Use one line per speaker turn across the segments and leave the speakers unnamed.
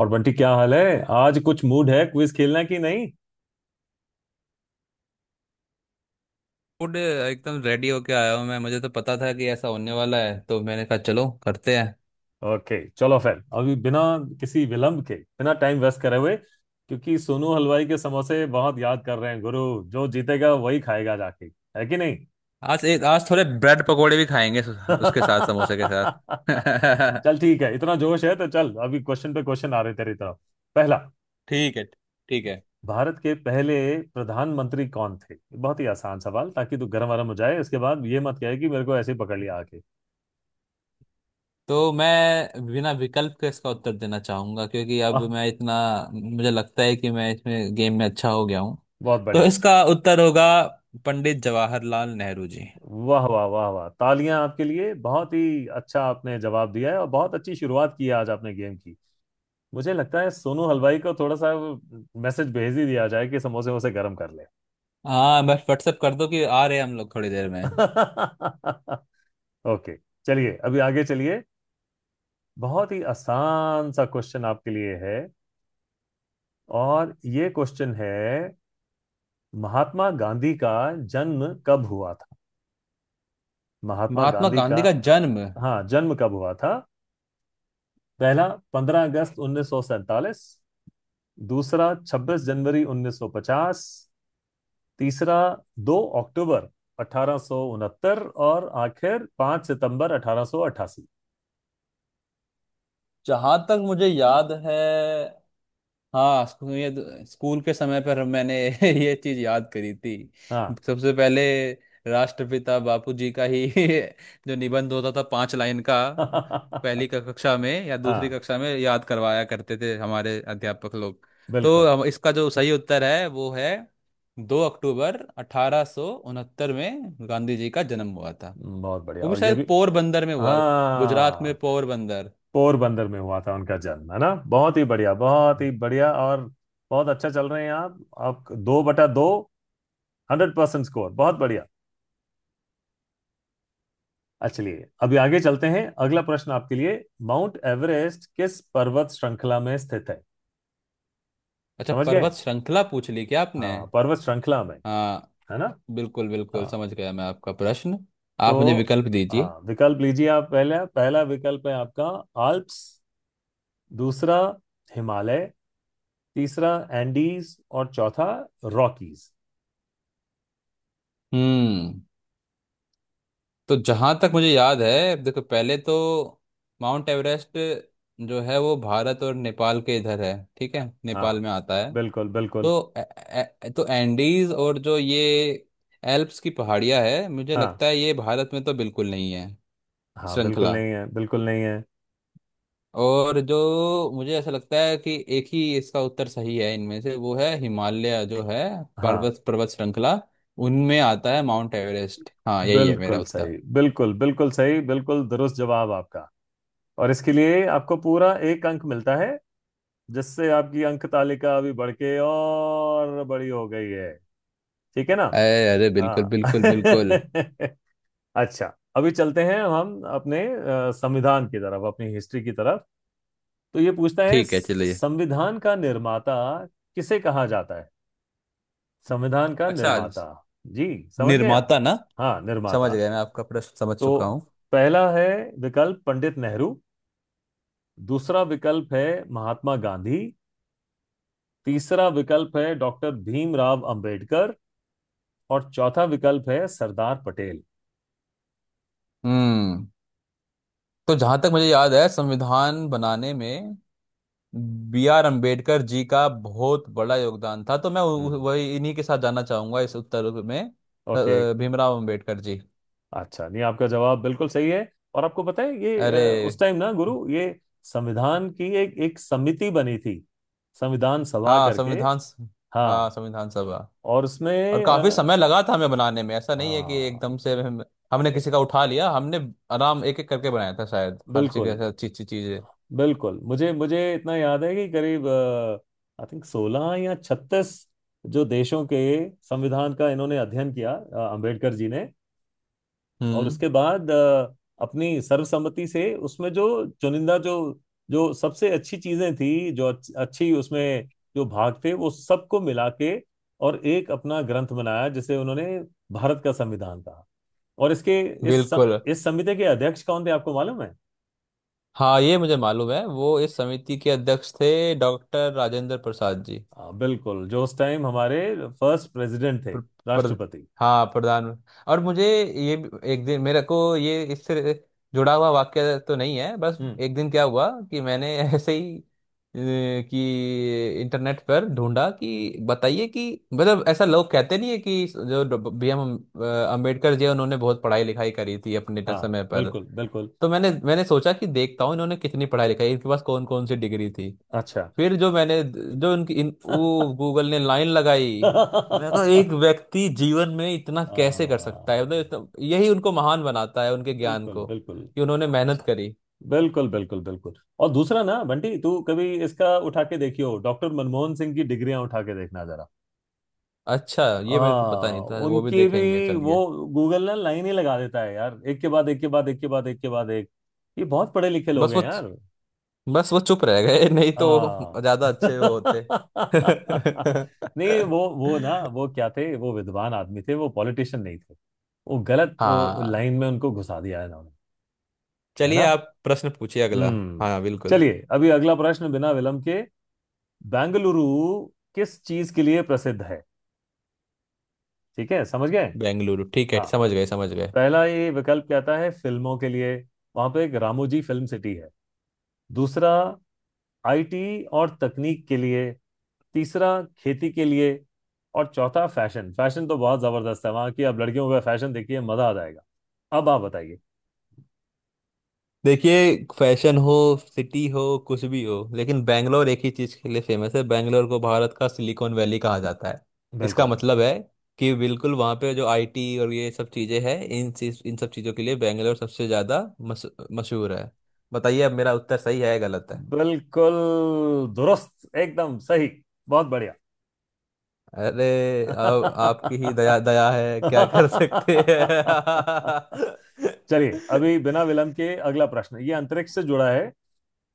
और बंटी क्या हाल है आज। कुछ मूड है क्विज खेलना कि नहीं?
फूड एकदम रेडी होके आया हूँ मैं। मुझे तो पता था कि ऐसा होने वाला है, तो मैंने कहा चलो करते हैं।
ओके चलो फिर अभी बिना किसी विलंब के, बिना टाइम वेस्ट करे हुए, क्योंकि सोनू हलवाई के समोसे बहुत याद कर रहे हैं गुरु। जो जीतेगा वही खाएगा जाके। है कि नहीं?
आज थोड़े ब्रेड पकोड़े भी खाएंगे, उसके साथ समोसे के साथ
चल ठीक है, इतना जोश है तो चल अभी क्वेश्चन पे क्वेश्चन आ रहे तेरी तरफ। पहला,
ठीक है, ठीक है।
भारत के पहले प्रधानमंत्री कौन थे? बहुत ही आसान सवाल ताकि तू गर्म वर्म हो जाए, इसके बाद ये मत कहे कि मेरे को ऐसे ही पकड़ लिया आके।
तो मैं बिना विकल्प के इसका उत्तर देना चाहूंगा, क्योंकि अब
आह
मैं इतना मुझे लगता है कि मैं इसमें गेम में अच्छा हो गया हूँ।
बहुत
तो
बढ़िया।
इसका उत्तर होगा पंडित जवाहरलाल नेहरू जी।
वाह वाह वाह वाह, तालियां आपके लिए। बहुत ही अच्छा आपने जवाब दिया है और बहुत अच्छी शुरुआत की है आज आपने गेम की। मुझे लगता है सोनू हलवाई को थोड़ा सा मैसेज भेज ही दिया जाए कि समोसे वोसे गर्म कर ले।
हाँ, बस व्हाट्सएप कर दो कि आ रहे हैं हम लोग थोड़ी देर में।
ओके, चलिए अभी आगे चलिए। बहुत ही आसान सा क्वेश्चन आपके लिए है, और ये क्वेश्चन है, महात्मा गांधी का जन्म कब हुआ था? महात्मा
महात्मा
गांधी का।
गांधी का जन्म।
हाँ, जन्म कब हुआ था? पहला, 15 अगस्त 1947। दूसरा, 26 जनवरी 1950। तीसरा, 2 अक्टूबर 1869। और आखिर, 5 सितंबर 1888।
जहां तक मुझे याद है, हाँ, ये स्कूल के समय पर मैंने ये चीज याद करी थी।
हाँ।
सबसे पहले राष्ट्रपिता बापूजी का ही जो निबंध होता था पांच लाइन का। पहली कक्षा में या दूसरी
हाँ,
कक्षा में याद करवाया करते थे हमारे अध्यापक लोग। तो
बिल्कुल।
हम, इसका जो सही उत्तर है वो है 2 अक्टूबर 1869 में गांधी जी का जन्म हुआ था।
बहुत बढ़िया,
वो भी
और ये भी।
शायद पोरबंदर में हुआ, गुजरात में
हाँ,
पोरबंदर।
पोरबंदर में हुआ था उनका जन्म, है ना। बहुत ही बढ़िया, बहुत ही बढ़िया। और बहुत अच्छा चल रहे हैं आप। आप दो बटा दो, 100% स्कोर। बहुत बढ़िया। अच्छा, चलिए अभी आगे चलते हैं, अगला प्रश्न आपके लिए। माउंट एवरेस्ट किस पर्वत श्रृंखला में स्थित है?
अच्छा,
समझ गए।
पर्वत श्रृंखला पूछ ली क्या आपने?
हाँ, पर्वत श्रृंखला में,
हाँ,
है ना।
बिल्कुल बिल्कुल
हाँ,
समझ गया मैं आपका प्रश्न। आप मुझे
तो।
विकल्प दीजिए।
हाँ, विकल्प लीजिए आप। पहला, पहला विकल्प है आपका आल्प्स। दूसरा, हिमालय। तीसरा, एंडीज। और चौथा, रॉकीज।
हम्म। तो जहाँ तक मुझे याद है, देखो, पहले तो माउंट एवरेस्ट जो है वो भारत और नेपाल के इधर है, ठीक है, नेपाल
हाँ,
में आता है।
बिल्कुल बिल्कुल।
तो ए, ए, तो एंडीज, और जो ये एल्प्स की पहाड़ियाँ है, मुझे
हाँ।
लगता है ये भारत में तो बिल्कुल नहीं है।
हाँ, बिल्कुल
श्रृंखला
नहीं है, बिल्कुल नहीं है।
और जो मुझे ऐसा लगता है कि एक ही इसका उत्तर सही है इनमें से, वो है हिमालय जो है।
हाँ।
पर्वत पर्वत श्रृंखला, उनमें आता है माउंट एवरेस्ट। हाँ, यही है मेरा
बिल्कुल सही,
उत्तर।
बिल्कुल बिल्कुल सही, बिल्कुल दुरुस्त जवाब आपका। और इसके लिए आपको पूरा एक अंक मिलता है, जिससे आपकी अंक तालिका अभी बढ़ के और बड़ी हो गई है। ठीक है ना।
अरे अरे, बिल्कुल
हाँ।
बिल्कुल बिल्कुल।
अच्छा अभी चलते हैं हम अपने संविधान की तरफ, अपनी हिस्ट्री की तरफ। तो ये पूछता है,
ठीक है, चलिए।
संविधान का निर्माता किसे कहा जाता है? संविधान का
अच्छा।
निर्माता। जी। समझ गए आप?
निर्माता, ना?
हाँ,
समझ
निर्माता।
गया, मैं आपका प्रश्न समझ
तो
चुका हूँ।
पहला है विकल्प पंडित नेहरू। दूसरा विकल्प है महात्मा गांधी। तीसरा विकल्प है डॉक्टर भीमराव अंबेडकर। और चौथा विकल्प है सरदार पटेल।
हम्म। तो जहां तक मुझे याद है, संविधान बनाने में B R अम्बेडकर जी का बहुत बड़ा योगदान था, तो मैं
हम्म,
वही, इन्हीं के साथ जाना चाहूंगा इस उत्तर में।
ओके।
भीमराव अम्बेडकर जी।
अच्छा नहीं, आपका जवाब बिल्कुल सही है। और आपको पता है ये, उस
अरे।
टाइम ना गुरु, ये संविधान की एक एक समिति बनी थी, संविधान सभा
हाँ,
करके।
संविधान हाँ,
हाँ।
संविधान सभा।
और
और
उसमें
काफी समय लगा था हमें बनाने में, ऐसा नहीं है कि
हाँ।
एकदम से हमने
ए-
किसी का उठा लिया, हमने आराम एक एक करके बनाया था, शायद हर जगह
बिल्कुल
से अच्छी अच्छी चीजें।
बिल्कुल। मुझे मुझे इतना याद है कि करीब आई थिंक 16 या 36 जो देशों के संविधान का इन्होंने अध्ययन किया, अंबेडकर जी ने। और
हम्म।
उसके बाद अपनी सर्वसम्मति से उसमें जो चुनिंदा, जो जो सबसे अच्छी चीजें थी, जो अच्छी उसमें जो भाग थे वो सबको मिला के, और एक अपना ग्रंथ बनाया जिसे उन्होंने भारत का संविधान कहा। और इसके,
बिल्कुल।
इस समिति के अध्यक्ष कौन थे आपको मालूम है?
हाँ, ये मुझे मालूम है, वो इस समिति के अध्यक्ष थे डॉक्टर राजेंद्र प्रसाद जी।
हाँ, बिल्कुल, जो उस टाइम हमारे फर्स्ट प्रेसिडेंट थे,
प्र, प्र,
राष्ट्रपति।
हाँ, प्रधान। और मुझे एक दिन, मेरे को ये इससे जुड़ा हुआ वाक्य तो नहीं है, बस
हम्म।
एक दिन क्या हुआ कि मैंने ऐसे ही कि इंटरनेट पर ढूंढा, कि बताइए कि, मतलब ऐसा लोग कहते नहीं है कि जो B M अम्बेडकर जी हैं, उन्होंने बहुत पढ़ाई लिखाई करी थी अपने
हाँ,
समय पर।
बिल्कुल बिल्कुल।
तो मैंने मैंने सोचा कि देखता हूँ इन्होंने कितनी पढ़ाई लिखाई, इनके पास कौन कौन सी डिग्री थी।
अच्छा।
फिर जो मैंने जो उनकी इन वो, गूगल ने लाइन लगाई। मैं कहा, एक
हाँ,
व्यक्ति जीवन में इतना कैसे कर सकता है, मतलब यही उनको महान बनाता है, उनके ज्ञान
बिल्कुल
को,
बिल्कुल
कि उन्होंने मेहनत करी।
बिल्कुल बिल्कुल बिल्कुल। और दूसरा ना बंटी, तू कभी इसका उठा के देखियो, डॉक्टर मनमोहन सिंह की डिग्रियां उठा के देखना जरा।
अच्छा, ये मेरे को पता
हाँ,
नहीं था, वो भी
उनकी
देखेंगे,
भी वो
चलिए।
गूगल ना लाइन ही लगा देता है यार, एक के बाद एक के बाद एक के बाद एक के बाद एक। ये बहुत पढ़े लिखे लोग
बस
हैं
वो
यार।
बस वो चुप रह गए, नहीं तो
हाँ।
ज्यादा अच्छे वो होते।
नहीं, वो ना, वो क्या थे, वो विद्वान आदमी थे, वो पॉलिटिशियन नहीं थे। वो गलत
हाँ।
लाइन में उनको घुसा दिया है इन्होंने। है
चलिए,
ना।
आप प्रश्न पूछिए अगला।
हम्म।
हाँ, बिल्कुल।
चलिए अभी अगला प्रश्न, बिना विलंब के। बेंगलुरु किस चीज के लिए प्रसिद्ध है? ठीक है, समझ गए।
बेंगलुरु, ठीक है,
हाँ,
समझ गए समझ गए।
पहला ये विकल्प कहता है फिल्मों के लिए, वहां पे एक रामोजी फिल्म सिटी है। दूसरा, आईटी और तकनीक के लिए। तीसरा, खेती के लिए। और चौथा, फैशन। फैशन तो बहुत जबरदस्त है, वहां की आप लड़कियों का फैशन देखिए, मजा आ जाएगा। अब आप बताइए।
देखिए, फैशन हो, सिटी हो, कुछ भी हो, लेकिन बैंगलोर एक ही चीज़ के लिए फेमस है, बैंगलोर को भारत का सिलिकॉन वैली कहा जाता है। इसका
बिल्कुल,
मतलब है कि बिल्कुल वहाँ पे जो आईटी और ये सब चीज़ें हैं, इन सब चीज़ों के लिए बैंगलोर सबसे ज़्यादा मशहूर है। बताइए, अब मेरा उत्तर सही है या गलत है?
बिल्कुल दुरुस्त एकदम सही। बहुत बढ़िया।
अरे। अब आपकी ही दया दया है, क्या कर सकते हैं।
चलिए अभी बिना विलंब के अगला प्रश्न। ये अंतरिक्ष से जुड़ा है,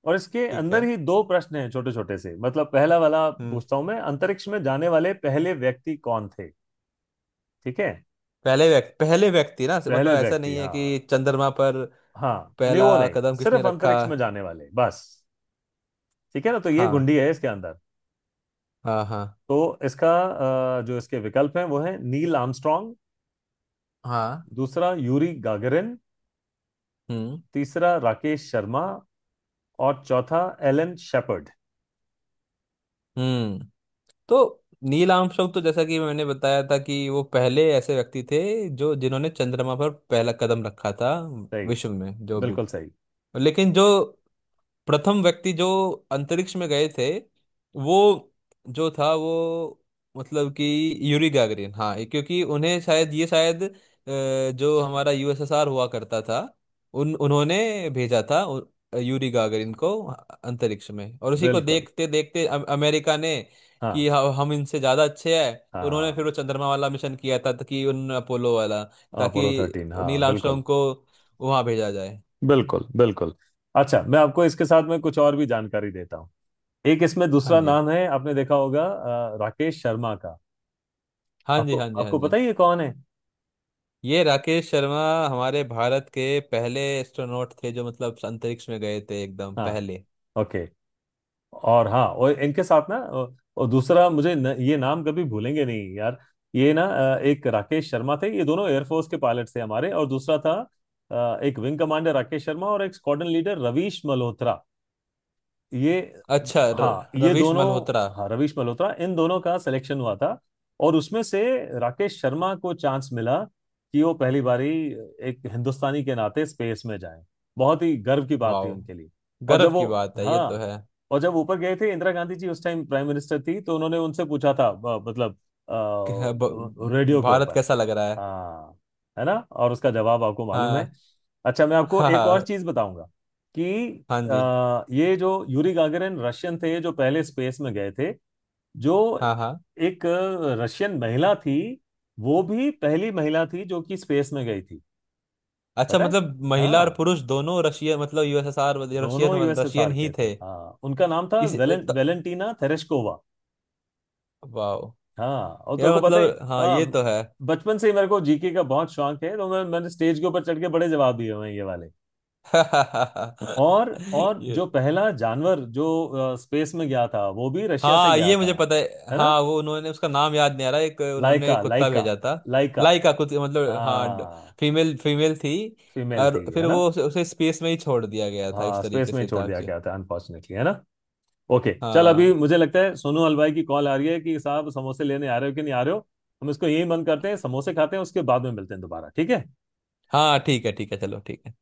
और इसके
ठीक
अंदर
है।
ही दो प्रश्न हैं छोटे छोटे से, मतलब पहला वाला
हम्म।
पूछता हूं मैं, अंतरिक्ष में जाने वाले पहले व्यक्ति कौन थे? ठीक है।
पहले व्यक्ति, पहले व्यक्ति, ना मतलब
पहले
ऐसा
व्यक्ति,
नहीं है
हाँ।
कि चंद्रमा पर
हाँ नहीं,
पहला
वो नहीं,
कदम किसने
सिर्फ
रखा।
अंतरिक्ष में जाने वाले बस। ठीक है ना। तो ये
हाँ
गुंडी है इसके अंदर।
हाँ, हाँ
तो इसका जो इसके विकल्प हैं, वो है नील आर्मस्ट्रांग।
हाँ।
दूसरा, यूरी गागरिन।
हम्म,
तीसरा, राकेश शर्मा। और चौथा, एलन शेपर्ड।
हम्म। तो नील आर्मस्ट्रांग, तो जैसा कि मैंने बताया था कि वो पहले ऐसे व्यक्ति थे जो जिन्होंने चंद्रमा पर पहला कदम रखा था,
सही।
विश्व में जो भी।
बिल्कुल सही।
लेकिन जो प्रथम व्यक्ति जो अंतरिक्ष में गए थे, वो जो था वो, मतलब कि यूरी गैगरिन, हाँ। क्योंकि उन्हें शायद, ये शायद जो हमारा यूएसएसआर हुआ करता था, उन उन्होंने भेजा था यूरी गागरिन को अंतरिक्ष में। और उसी को
बिल्कुल।
देखते देखते अमेरिका ने, कि
हाँ।
हम इनसे ज़्यादा अच्छे हैं, तो उन्होंने फिर
हाँ,
वो चंद्रमा वाला मिशन किया था, ताकि उन अपोलो वाला ताकि
अपोलो 13, हाँ।
नील
बिल्कुल
आर्मस्ट्रॉन्ग को वहाँ भेजा जाए।
बिल्कुल बिल्कुल। अच्छा, मैं आपको इसके साथ में कुछ और भी जानकारी देता हूँ। एक इसमें
हाँ
दूसरा
जी,
नाम है आपने देखा होगा, राकेश शर्मा का।
हाँ जी,
आपको
हाँ जी, हाँ
आपको पता
जी।
ही है ये कौन है?
ये राकेश शर्मा हमारे भारत के पहले एस्ट्रोनॉट थे, जो मतलब अंतरिक्ष में गए थे एकदम
हाँ।
पहले।
ओके। और हाँ, और इनके साथ ना, और दूसरा मुझे, न, ये नाम कभी भूलेंगे नहीं यार। ये ना एक राकेश शर्मा थे, ये दोनों एयरफोर्स के पायलट थे हमारे। और दूसरा था एक विंग कमांडर राकेश शर्मा और एक स्क्वाड्रन लीडर रवीश मल्होत्रा। ये।
अच्छा,
हाँ, ये
रवीश
दोनों।
मल्होत्रा।
हाँ, रवीश मल्होत्रा, इन दोनों का सिलेक्शन हुआ था। और उसमें से राकेश शर्मा को चांस मिला कि वो पहली बारी एक हिंदुस्तानी के नाते स्पेस में जाएं। बहुत ही गर्व की बात
वाह,
थी उनके लिए। और जब
गर्व की
वो,
बात है, ये तो
हाँ,
है।
और जब ऊपर गए थे, इंदिरा गांधी जी उस टाइम प्राइम मिनिस्टर थी, तो उन्होंने उनसे पूछा था, मतलब,
क्या
रेडियो के
भारत
ऊपर।
कैसा लग रहा है?
हाँ, है ना। और उसका जवाब आपको मालूम है।
हाँ
अच्छा, मैं आपको
हाँ
एक और
हाँ।
चीज बताऊंगा कि,
हाँ जी,
ये जो यूरी गागरिन रशियन थे जो पहले स्पेस में गए थे, जो
हाँ हाँ।
एक रशियन महिला थी, वो भी पहली महिला थी जो कि स्पेस में गई थी,
अच्छा,
पता है।
मतलब महिला और
हाँ,
पुरुष दोनों रशियन, मतलब यूएसएसआर
दोनों
वाले- रशियन
यूएसएसआर
ही
के थे।
थे।
हाँ, उनका नाम था
इस त,
वेलेंटीना तेरेश्कोवा।
वाह।
हाँ। और तेरे
यह
को पता है,
मतलब, हाँ,
हाँ,
ये तो है।
बचपन से ही मेरे को जीके का बहुत शौक है, तो मैं मैंने स्टेज के ऊपर चढ़ के बड़े जवाब दिए हुए हैं ये वाले। और जो
ये।
पहला जानवर जो स्पेस में गया था वो भी रशिया से
हाँ,
गया
ये
था।
मुझे पता है,
है ना।
हाँ, वो उन्होंने उसका नाम याद नहीं आ रहा, एक उन्होंने
लाइका
कुत्ता
लाइका।
भेजा था।
लाइका।
लाइका कुछ, मतलब, हाँ।
हाँ,
फीमेल फीमेल थी।
फीमेल थी
और
है
फिर
ना।
वो उसे स्पेस में ही छोड़ दिया गया था,
हाँ,
इस
स्पेस
तरीके
में ही
से
छोड़
था
दिया
कि।
गया था अनफॉर्चुनेटली, है ना। ओके, चल, अभी
हाँ
मुझे लगता है सोनू हलवाई की कॉल आ रही है कि साहब समोसे लेने आ रहे हो कि नहीं आ रहे हो। हम इसको यही बंद करते हैं, समोसे खाते हैं, उसके बाद में मिलते हैं दोबारा, ठीक है।
हाँ, ठीक है ठीक है, चलो ठीक।